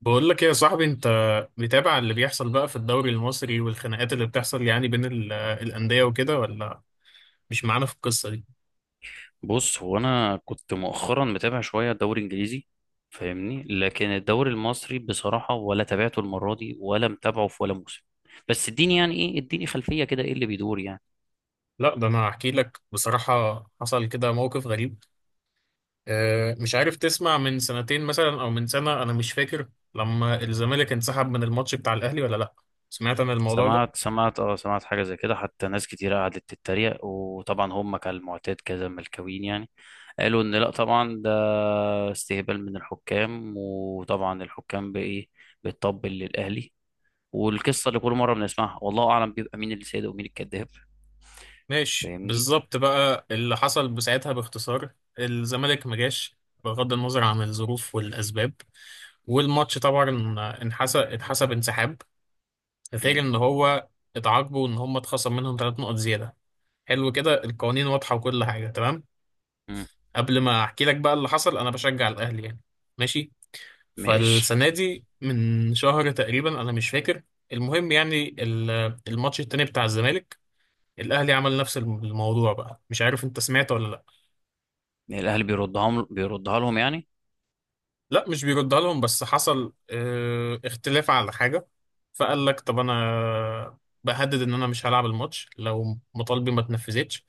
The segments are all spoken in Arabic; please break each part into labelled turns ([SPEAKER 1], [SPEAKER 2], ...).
[SPEAKER 1] بقول لك ايه يا صاحبي؟ انت متابع اللي بيحصل بقى في الدوري المصري والخناقات اللي بتحصل يعني بين الانديه وكده، ولا مش معانا في القصه دي؟
[SPEAKER 2] بص هو انا كنت مؤخرا متابع شويه الدوري الانجليزي، فاهمني. لكن الدوري المصري بصراحه ولا تابعته المره دي ولا متابعه في ولا موسم. بس اديني يعني ايه، اديني خلفيه كده، ايه اللي بيدور يعني؟
[SPEAKER 1] لا، ده انا هحكي لك بصراحه. حصل كده موقف غريب. مش عارف تسمع، من سنتين مثلا او من سنه انا مش فاكر، لما الزمالك انسحب من الماتش بتاع الاهلي ولا لا؟ سمعت عن الموضوع ده؟
[SPEAKER 2] سمعت حاجه زي كده، حتى ناس كتير قعدت تتريق، وطبعا هم كالمعتاد كذا ملكوين يعني. قالوا ان لا طبعا ده استهبال من الحكام، وطبعا الحكام بايه، بتطبل للاهلي، والقصه اللي كل مره بنسمعها، والله اعلم بيبقى مين اللي سيد ومين الكذاب.
[SPEAKER 1] ماشي،
[SPEAKER 2] فاهمني.
[SPEAKER 1] بالظبط بقى اللي حصل بساعتها باختصار. الزمالك ما جاش، بغض النظر عن الظروف والاسباب، والماتش طبعا اتحسب انسحاب، غير
[SPEAKER 2] مم.
[SPEAKER 1] ان هو اتعاقبوا ان هم اتخصم منهم 3 نقط زياده. حلو، كده القوانين واضحه وكل حاجه تمام.
[SPEAKER 2] مم.
[SPEAKER 1] قبل ما احكي لك بقى اللي حصل، انا بشجع الاهلي يعني، ماشي.
[SPEAKER 2] ماشي.
[SPEAKER 1] فالسنه دي، من شهر تقريبا انا مش فاكر، المهم يعني الماتش التاني بتاع الزمالك، الاهلي عمل نفس الموضوع بقى، مش عارف انت سمعت ولا لا؟
[SPEAKER 2] الاهلي بيردها لهم يعني؟
[SPEAKER 1] لا، مش بيردها لهم، بس حصل اختلاف على حاجة. فقال لك طب انا بهدد ان انا مش هلعب الماتش لو مطالبي ما اتنفذتش.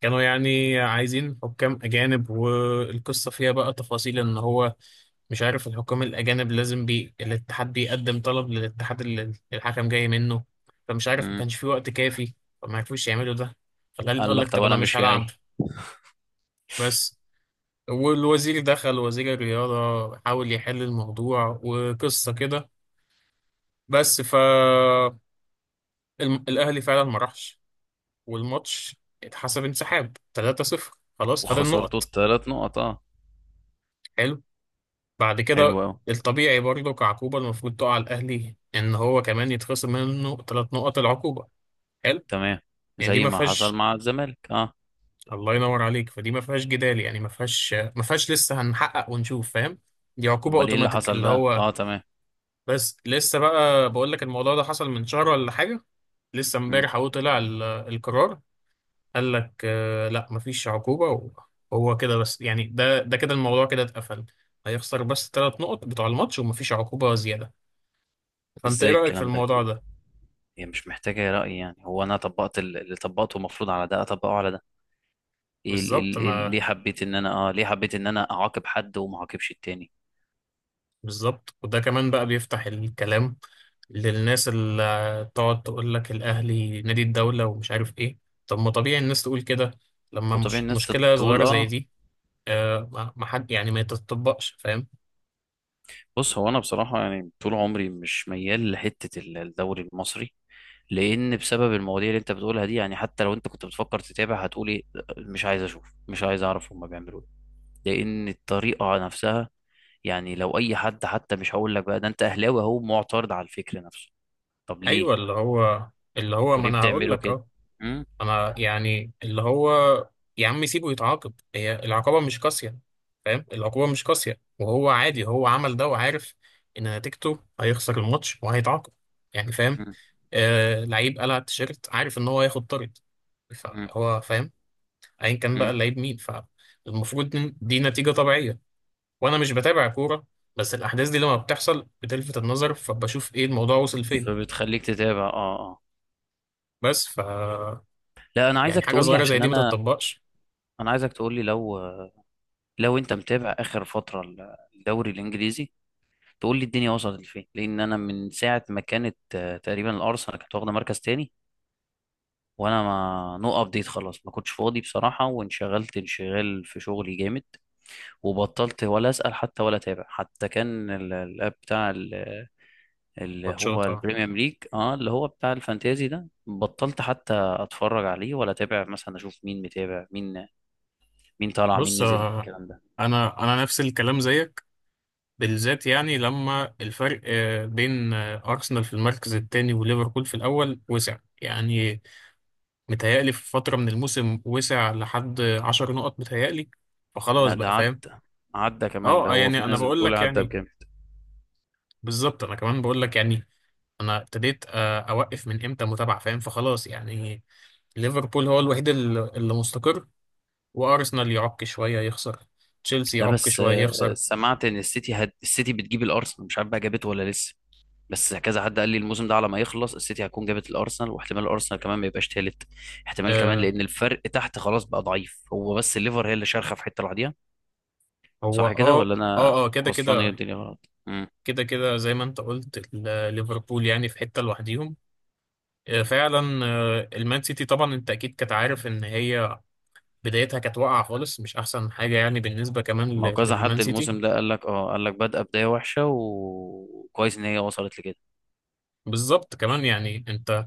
[SPEAKER 1] كانوا يعني عايزين حكام اجانب، والقصة فيها بقى تفاصيل ان هو، مش عارف الحكام الاجانب لازم الاتحاد بيقدم طلب للاتحاد اللي الحكم جاي منه، فمش عارف ما
[SPEAKER 2] مم.
[SPEAKER 1] كانش في وقت كافي، فما عرفوش يعملوا ده. فالأهلي
[SPEAKER 2] قال
[SPEAKER 1] قال
[SPEAKER 2] لك
[SPEAKER 1] لك
[SPEAKER 2] طب
[SPEAKER 1] طب انا
[SPEAKER 2] انا
[SPEAKER 1] مش
[SPEAKER 2] مش
[SPEAKER 1] هلعب،
[SPEAKER 2] جاي.
[SPEAKER 1] بس. والوزير دخل، وزير الرياضة، حاول يحل الموضوع وقصة كده، بس ف الأهلي فعلا ما راحش، والماتش اتحسب انسحاب 3-0. خلاص، خد
[SPEAKER 2] وخسرته
[SPEAKER 1] النقط،
[SPEAKER 2] الثلاث نقط، اه.
[SPEAKER 1] حلو. بعد
[SPEAKER 2] حلو
[SPEAKER 1] كده،
[SPEAKER 2] قوي.
[SPEAKER 1] الطبيعي برضه كعقوبة المفروض تقع على الأهلي، إن هو كمان يتخصم منه 3 نقط العقوبة. حلو،
[SPEAKER 2] تمام.
[SPEAKER 1] يعني دي
[SPEAKER 2] زي
[SPEAKER 1] ما
[SPEAKER 2] ما حصل
[SPEAKER 1] فيهاش،
[SPEAKER 2] مع الزمالك، اه.
[SPEAKER 1] الله ينور عليك، فدي ما فيهاش جدال يعني، ما فيهاش لسه هنحقق ونشوف، فاهم؟ دي عقوبة
[SPEAKER 2] امال ايه اللي
[SPEAKER 1] أوتوماتيك
[SPEAKER 2] حصل
[SPEAKER 1] اللي
[SPEAKER 2] بقى؟
[SPEAKER 1] هو.
[SPEAKER 2] اه، تمام.
[SPEAKER 1] بس لسه بقى، بقول لك الموضوع ده حصل من شهر ولا حاجة، لسه
[SPEAKER 2] مم.
[SPEAKER 1] امبارح اهو طلع القرار. قال لك لا، مفيش عقوبة. وهو كده بس يعني، ده كده الموضوع كده اتقفل. هيخسر بس 3 نقط بتوع الماتش ومفيش عقوبة زيادة. فانت ايه
[SPEAKER 2] ازاي
[SPEAKER 1] رأيك في
[SPEAKER 2] الكلام ده؟
[SPEAKER 1] الموضوع ده؟
[SPEAKER 2] هي مش محتاجه رأي يعني. هو انا طبقت اللي طبقته المفروض على ده اطبقه على ده. ايه
[SPEAKER 1] بالظبط
[SPEAKER 2] ليه
[SPEAKER 1] انا،
[SPEAKER 2] حبيت ان انا اه ليه حبيت ان انا اعاقب حد وما اعاقبش التاني؟
[SPEAKER 1] بالظبط. وده كمان بقى بيفتح الكلام للناس اللي تقعد تقول لك الأهلي نادي الدولة ومش عارف إيه. طب ما طبيعي الناس تقول كده، لما
[SPEAKER 2] وطبيعي
[SPEAKER 1] مش
[SPEAKER 2] الناس
[SPEAKER 1] مشكلة
[SPEAKER 2] تقول
[SPEAKER 1] صغيرة زي
[SPEAKER 2] اه.
[SPEAKER 1] دي. آه، ما حد يعني ما تتطبقش، فاهم.
[SPEAKER 2] بص هو انا بصراحه يعني طول عمري مش ميال لحته الدوري المصري، لان بسبب المواضيع اللي انت بتقولها دي يعني. حتى لو انت كنت بتفكر تتابع هتقول ايه "لأ، مش عايز اشوف، مش عايز اعرف هما بيعملوا ايه". لان الطريقه نفسها يعني. لو اي حد، حتى مش هقول لك بقى ده انت اهلاوي، اهو معترض على الفكر نفسه. طب ليه؟
[SPEAKER 1] ايوه، اللي هو، اللي هو
[SPEAKER 2] انتوا
[SPEAKER 1] ما
[SPEAKER 2] ليه
[SPEAKER 1] انا هقول
[SPEAKER 2] بتعملوا
[SPEAKER 1] لك
[SPEAKER 2] كده؟
[SPEAKER 1] اه.
[SPEAKER 2] امم
[SPEAKER 1] انا يعني اللي هو، يا عم سيبه يتعاقب، هي العقابه مش قاسيه، فاهم؟ العقوبه مش قاسيه، وهو عادي هو عمل ده وعارف ان نتيجته هيخسر الماتش وهيتعاقب، يعني فاهم.
[SPEAKER 2] امم
[SPEAKER 1] آه، لعيب قلع التيشيرت عارف ان هو هياخد طرد،
[SPEAKER 2] امم
[SPEAKER 1] فهو فاهم. ايا كان بقى
[SPEAKER 2] أمم.
[SPEAKER 1] اللعيب مين، فالمفروض إن دي نتيجه طبيعيه. وانا مش بتابع كوره، بس الاحداث دي لما بتحصل بتلفت النظر، فبشوف ايه الموضوع وصل فين.
[SPEAKER 2] فبتخليك تتابع، اه اه.
[SPEAKER 1] بس ف
[SPEAKER 2] لا انا
[SPEAKER 1] يعني
[SPEAKER 2] عايزك
[SPEAKER 1] حاجه
[SPEAKER 2] تقول لي
[SPEAKER 1] صغيره زي
[SPEAKER 2] عشان
[SPEAKER 1] دي ما
[SPEAKER 2] انا،
[SPEAKER 1] تتطبقش.
[SPEAKER 2] انا عايزك تقول لي لو، لو انت متابع اخر فتره الدوري الانجليزي، تقول لي الدنيا وصلت لفين. لان انا من ساعه ما كانت تقريبا الارسنال كانت واخده مركز تاني، وانا ما نو ابديت خلاص ما كنتش فاضي بصراحه وانشغلت انشغال في شغلي جامد، وبطلت ولا اسال حتى ولا اتابع. حتى كان الاب بتاع اللي هو
[SPEAKER 1] ماتشات، اه.
[SPEAKER 2] البريمير ليج، اه، اللي هو بتاع الفانتازي ده، بطلت حتى اتفرج عليه، ولا اتابع مثلا اشوف مين متابع مين، مين طالع مين
[SPEAKER 1] بص،
[SPEAKER 2] نزل، الكلام ده.
[SPEAKER 1] انا نفس الكلام زيك. بالذات يعني لما الفرق بين ارسنال في المركز الثاني وليفربول في الاول وسع يعني، متهيألي في فتره من الموسم وسع لحد 10 نقط متهيألي، فخلاص
[SPEAKER 2] لا ده
[SPEAKER 1] بقى فاهم.
[SPEAKER 2] عدى، عدى كمان ده.
[SPEAKER 1] اه،
[SPEAKER 2] هو في
[SPEAKER 1] يعني انا
[SPEAKER 2] ناس
[SPEAKER 1] بقول
[SPEAKER 2] بتقول
[SPEAKER 1] لك
[SPEAKER 2] عدى
[SPEAKER 1] يعني،
[SPEAKER 2] بجد.
[SPEAKER 1] بالظبط انا كمان بقول لك يعني، انا ابتديت اوقف من امتى متابعه، فاهم؟ فخلاص يعني، ليفربول هو الوحيد اللي مستقر. وارسنال يعك شويه يخسر، تشيلسي
[SPEAKER 2] لا
[SPEAKER 1] يعك
[SPEAKER 2] بس
[SPEAKER 1] شويه يخسر.
[SPEAKER 2] سمعت ان السيتي السيتي بتجيب الارسنال، مش عارف بقى جابته ولا لسه. بس كذا حد قال لي الموسم ده على ما يخلص السيتي هتكون جابت الارسنال، واحتمال الارسنال كمان ما يبقاش تالت، احتمال كمان،
[SPEAKER 1] آه،
[SPEAKER 2] لان الفرق تحت خلاص بقى ضعيف. هو بس الليفر هي اللي شارخه في حته لوحديها.
[SPEAKER 1] هو
[SPEAKER 2] صح كده
[SPEAKER 1] اه.
[SPEAKER 2] ولا انا
[SPEAKER 1] اه اه، كده
[SPEAKER 2] وصلان ايه
[SPEAKER 1] كده،
[SPEAKER 2] الدنيا غلط؟
[SPEAKER 1] كده كده زي ما انت قلت ليفربول يعني في حته لوحديهم. آه فعلا، آه المان سيتي طبعا انت اكيد كنت عارف ان هي بدايتها كانت واقعه خالص، مش احسن حاجه يعني بالنسبه كمان
[SPEAKER 2] ما هو كذا
[SPEAKER 1] للمان
[SPEAKER 2] حد
[SPEAKER 1] سيتي.
[SPEAKER 2] الموسم ده قال لك، اه قال لك بادئه بدايه وحشه وكويس ان هي وصلت لكده.
[SPEAKER 1] بالظبط كمان يعني. انت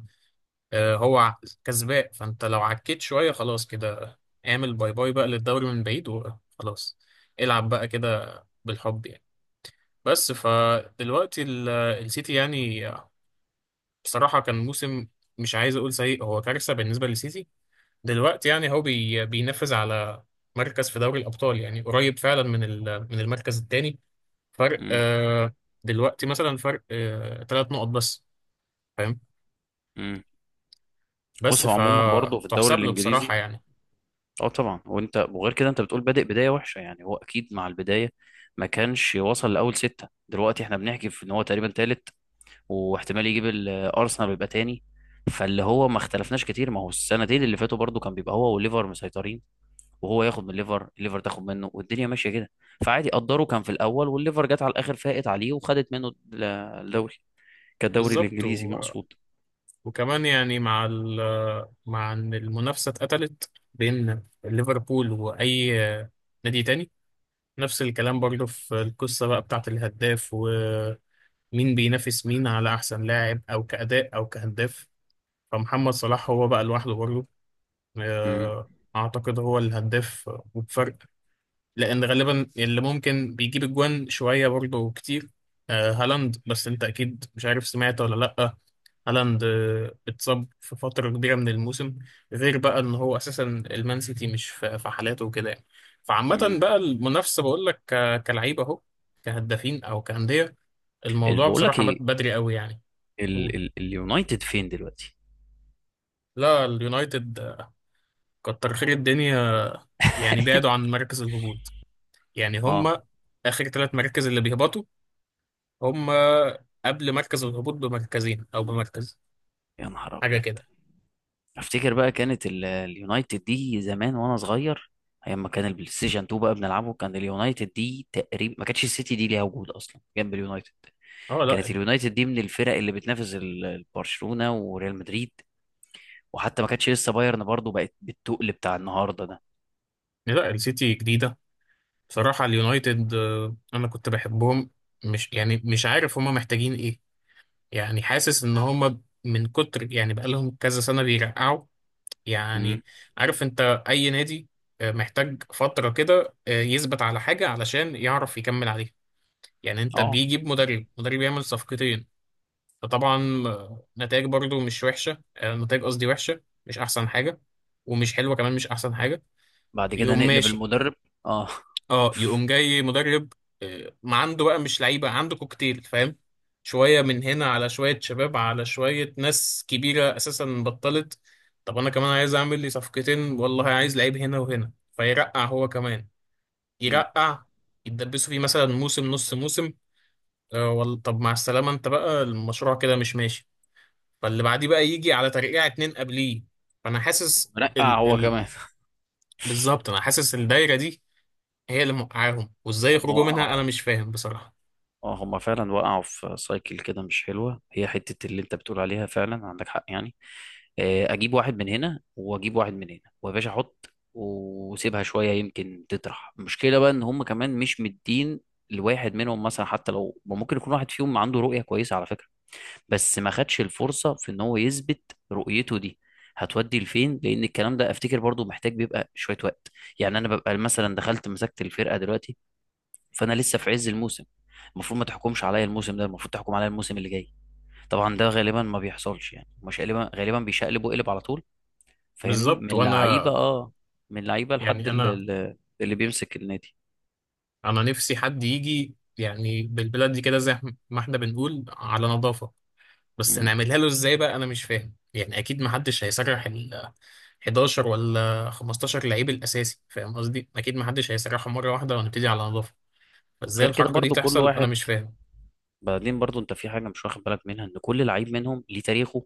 [SPEAKER 1] هو كسبان، فانت لو عكيت شوية خلاص كده، اعمل باي باي بقى للدوري من بعيد وخلاص. العب بقى كده بالحب يعني. بس فدلوقتي السيتي يعني بصراحة كان موسم، مش عايز اقول سيء، هو كارثة بالنسبة للسيتي. دلوقتي يعني هو بي بينفذ على مركز في دوري الأبطال، يعني قريب فعلا من من المركز الثاني. فرق
[SPEAKER 2] امم
[SPEAKER 1] دلوقتي مثلا، فرق 3 نقط بس، فاهم.
[SPEAKER 2] امم بص
[SPEAKER 1] بس
[SPEAKER 2] هو عموما برضه في الدوري
[SPEAKER 1] فتحسب له بصراحة
[SPEAKER 2] الانجليزي،
[SPEAKER 1] يعني.
[SPEAKER 2] اه طبعا. وانت وغير كده انت بتقول بادئ بدايه وحشه، يعني هو اكيد مع البدايه ما كانش وصل لاول سته. دلوقتي احنا بنحكي في ان هو تقريبا تالت واحتمال يجيب الارسنال ويبقى تاني. فاللي هو ما اختلفناش كتير، ما هو السنتين اللي فاتوا برضو كان بيبقى هو والليفر مسيطرين، وهو ياخد من الليفر، الليفر تاخد منه، والدنيا ماشيه كده. فعادي قدره كان في الاول، والليفر جت على الاخر فاقت عليه وخدت منه الدوري، كالدوري
[SPEAKER 1] بالظبط.
[SPEAKER 2] الانجليزي مقصود.
[SPEAKER 1] وكمان يعني مع ال، مع ان المنافسه اتقتلت بين ليفربول واي نادي تاني. نفس الكلام برضه في القصه بقى بتاعه الهداف ومين بينافس مين على احسن لاعب، او كاداء او كهداف. فمحمد صلاح هو بقى لوحده برضه،
[SPEAKER 2] امم
[SPEAKER 1] آه، اعتقد هو الهداف وبفرق، لان غالبا اللي ممكن بيجيب اجوان شويه برضه كتير هالاند، بس انت اكيد مش عارف سمعت ولا لا؟ هالاند اتصاب في فترة كبيرة من الموسم، غير بقى ان هو اساسا المان سيتي مش في حالاته وكده يعني. فعامة
[SPEAKER 2] امم
[SPEAKER 1] بقى المنافسة بقول لك كلعيبة اهو، كهدافين او كأندية، الموضوع
[SPEAKER 2] بقول لك
[SPEAKER 1] بصراحة مات
[SPEAKER 2] ايه،
[SPEAKER 1] بدري قوي يعني. قول.
[SPEAKER 2] اليونايتد فين دلوقتي؟
[SPEAKER 1] لا، اليونايتد كتر خير الدنيا، يعني بعدوا عن مركز الهبوط. يعني
[SPEAKER 2] اه،
[SPEAKER 1] هما اخر 3 مراكز اللي بيهبطوا، هما قبل مركز الهبوط بمركزين او بمركز،
[SPEAKER 2] يا نهار
[SPEAKER 1] حاجة
[SPEAKER 2] ابيض.
[SPEAKER 1] كده.
[SPEAKER 2] افتكر بقى كانت اليونايتد دي زمان وانا صغير، ايام ما كان البلاي ستيشن 2 بقى بنلعبه، كان اليونايتد دي تقريبا ما كانتش السيتي دي ليها وجود اصلا جنب اليونايتد.
[SPEAKER 1] اه،
[SPEAKER 2] كانت
[SPEAKER 1] لا
[SPEAKER 2] اليونايتد دي من الفرق اللي بتنافس برشلونة وريال مدريد، وحتى ما كانتش لسه بايرن برضو بقت بالتقل بتاع النهارده ده.
[SPEAKER 1] لا السيتي جديدة. بصراحة اليونايتد أنا كنت بحبهم، مش يعني مش عارف هما محتاجين إيه. يعني حاسس إن هما من كتر يعني بقالهم كذا سنة بيرقعوا
[SPEAKER 2] امم
[SPEAKER 1] يعني. عارف أنت، أي نادي محتاج فترة كده يثبت على حاجة علشان يعرف يكمل عليها. يعني أنت
[SPEAKER 2] اه.
[SPEAKER 1] بيجيب مدرب، مدرب يعمل صفقتين، فطبعا نتائج برضو مش وحشة، نتائج قصدي وحشة مش أحسن حاجة، ومش حلوة كمان مش أحسن حاجة.
[SPEAKER 2] بعد كده
[SPEAKER 1] يقوم
[SPEAKER 2] نقلب
[SPEAKER 1] ماشي،
[SPEAKER 2] المدرب. اه.
[SPEAKER 1] اه يقوم جاي مدرب ما عنده بقى مش لعيبه، عنده كوكتيل فاهم، شويه من هنا على شويه شباب على شويه ناس كبيره اساسا بطلت. طب انا كمان عايز اعمل لي صفقتين، والله عايز لعيب هنا وهنا، فيرقع هو كمان
[SPEAKER 2] امم
[SPEAKER 1] يرقع، يتدبسوا فيه مثلا موسم نص موسم. آه طب مع السلامه انت بقى المشروع كده مش ماشي. فاللي بعديه بقى يجي على ترقيع اتنين قبليه، فانا حاسس
[SPEAKER 2] نقع
[SPEAKER 1] ال
[SPEAKER 2] هو
[SPEAKER 1] ال
[SPEAKER 2] كمان.
[SPEAKER 1] بالظبط انا حاسس الدايره دي هي اللي موقعاهم، وازاي
[SPEAKER 2] هم
[SPEAKER 1] يخرجوا منها انا
[SPEAKER 2] وقعوا،
[SPEAKER 1] مش فاهم بصراحة.
[SPEAKER 2] اه. هم فعلا وقعوا في سايكل كده مش حلوة، هي حتة اللي انت بتقول عليها فعلا عندك حق يعني. اجيب واحد من هنا واجيب واحد من هنا ويا باشا احط وسيبها شويه يمكن تطرح. المشكله بقى ان هم كمان مش مدين لواحد منهم مثلا. حتى لو ممكن يكون واحد فيهم عنده رؤيه كويسه على فكره، بس ما خدش الفرصه في ان هو يثبت رؤيته دي هتودي لفين، لان الكلام ده افتكر برضو محتاج بيبقى شويه وقت. يعني انا ببقى مثلا دخلت مسكت الفرقه دلوقتي، فانا لسه في عز الموسم، المفروض ما تحكمش عليا الموسم ده، المفروض تحكم عليا الموسم اللي جاي. طبعا ده غالبا ما بيحصلش يعني، مش غالبا، غالبا بيشقلب وقلب على طول. فاهمني؟
[SPEAKER 1] بالظبط.
[SPEAKER 2] من
[SPEAKER 1] وانا
[SPEAKER 2] لعيبه، اه، من لعيبه لحد
[SPEAKER 1] يعني انا
[SPEAKER 2] اللي، اللي بيمسك النادي.
[SPEAKER 1] نفسي حد يجي يعني بالبلاد دي، كده زي ما احنا بنقول على نظافة، بس
[SPEAKER 2] مم.
[SPEAKER 1] نعملها له ازاي بقى انا مش فاهم، يعني اكيد ما حدش هيسرح ال 11 ولا 15 لعيب الاساسي، فاهم قصدي، اكيد ما حدش هيسرحهم مرة واحدة ونبتدي على نظافة، فازاي
[SPEAKER 2] غير كده
[SPEAKER 1] الحركة دي
[SPEAKER 2] برضو كل
[SPEAKER 1] تحصل انا
[SPEAKER 2] واحد،
[SPEAKER 1] مش فاهم.
[SPEAKER 2] بعدين برضو انت في حاجه مش واخد بالك منها، ان كل لعيب منهم ليه تاريخه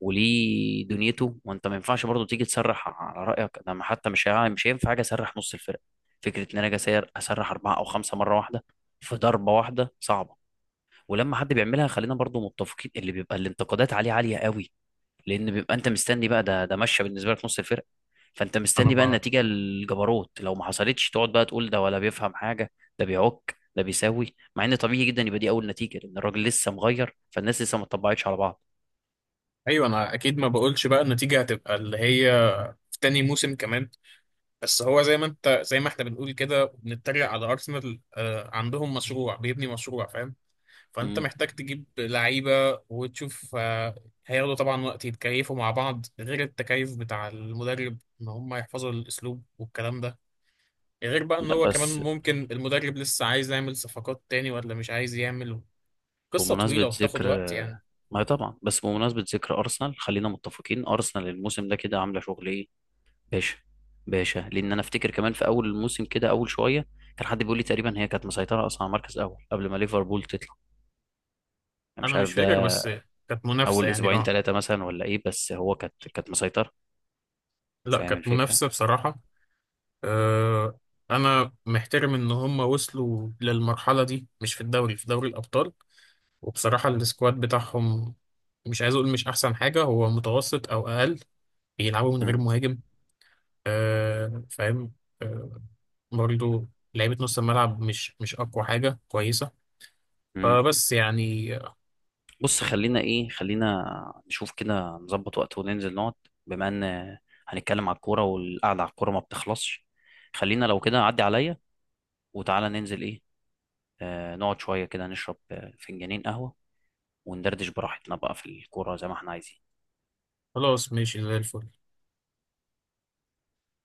[SPEAKER 2] وليه دنيته، وانت ما ينفعش برضو تيجي تسرح على رايك. انا حتى مش مش هينفع حاجه اسرح نص الفرقه. فكره ان انا اجي اسرح اربعه او خمسه مره واحده في ضربه واحده صعبه. ولما حد بيعملها خلينا برضو متفقين اللي بيبقى الانتقادات عليه عاليه قوي، لان بيبقى انت مستني بقى، ده ماشيه بالنسبه لك نص الفرقه، فانت
[SPEAKER 1] انا
[SPEAKER 2] مستني بقى
[SPEAKER 1] ما
[SPEAKER 2] النتيجه الجبروت، لو ما حصلتش تقعد بقى تقول ده ولا بيفهم حاجه، ده بيعك، ده بيساوي، مع ان طبيعي جدا يبقى دي اول نتيجه، لان الراجل لسه مغير، فالناس لسه ما اتطبعتش على بعض.
[SPEAKER 1] ايوه، انا اكيد ما بقولش بقى النتيجة هتبقى اللي هي، في تاني موسم كمان. بس هو زي ما انت، زي ما احنا بنقول كده بنتريق على ارسنال، عندهم مشروع، بيبني مشروع فاهم. فانت
[SPEAKER 2] امم
[SPEAKER 1] محتاج تجيب لعيبه وتشوف، هياخدوا طبعا وقت يتكيفوا مع بعض، غير التكيف بتاع المدرب ان هم يحفظوا الاسلوب والكلام ده. غير بقى ان
[SPEAKER 2] لا
[SPEAKER 1] هو كمان
[SPEAKER 2] بس
[SPEAKER 1] ممكن المدرب لسه عايز يعمل صفقات تاني ولا مش عايز يعمل، قصه طويله
[SPEAKER 2] بمناسبه
[SPEAKER 1] وبتاخد
[SPEAKER 2] ذكر،
[SPEAKER 1] وقت يعني.
[SPEAKER 2] ما طبعا بس بمناسبه ذكر ارسنال، خلينا متفقين ارسنال الموسم ده كده عامله شغل ايه باشا؟ باشا، لان انا افتكر كمان في اول الموسم كده اول شويه كان حد بيقول لي تقريبا هي كانت مسيطره اصلا على المركز الاول قبل ما ليفربول تطلع. انا مش
[SPEAKER 1] انا
[SPEAKER 2] عارف،
[SPEAKER 1] مش فاكر، بس كانت منافسه
[SPEAKER 2] اول
[SPEAKER 1] يعني
[SPEAKER 2] اسبوعين
[SPEAKER 1] اه.
[SPEAKER 2] ثلاثه مثلا ولا ايه، بس هو كانت مسيطر.
[SPEAKER 1] لا
[SPEAKER 2] فاهم
[SPEAKER 1] كانت
[SPEAKER 2] الفكره؟
[SPEAKER 1] منافسه بصراحه. أه، انا محترم ان هم وصلوا للمرحله دي، مش في الدوري في دوري الابطال. وبصراحة السكواد بتاعهم مش عايز أقول مش أحسن حاجة، هو متوسط أو أقل. بيلعبوا من غير
[SPEAKER 2] مم.
[SPEAKER 1] مهاجم، آه فاهم. آه برضو لعيبة نص الملعب مش أقوى حاجة كويسة،
[SPEAKER 2] مم.
[SPEAKER 1] فبس يعني.
[SPEAKER 2] بص خلينا ايه، خلينا نشوف كده نظبط وقت وننزل نقعد، بما ان هنتكلم على الكوره والقعده على الكوره ما بتخلصش. خلينا لو كده عدي عليا وتعالى ننزل، ايه، آه، نقعد شويه كده، نشرب فنجانين قهوه وندردش براحتنا بقى في الكوره زي ما احنا عايزين.
[SPEAKER 1] خلاص ماشي زي الفل.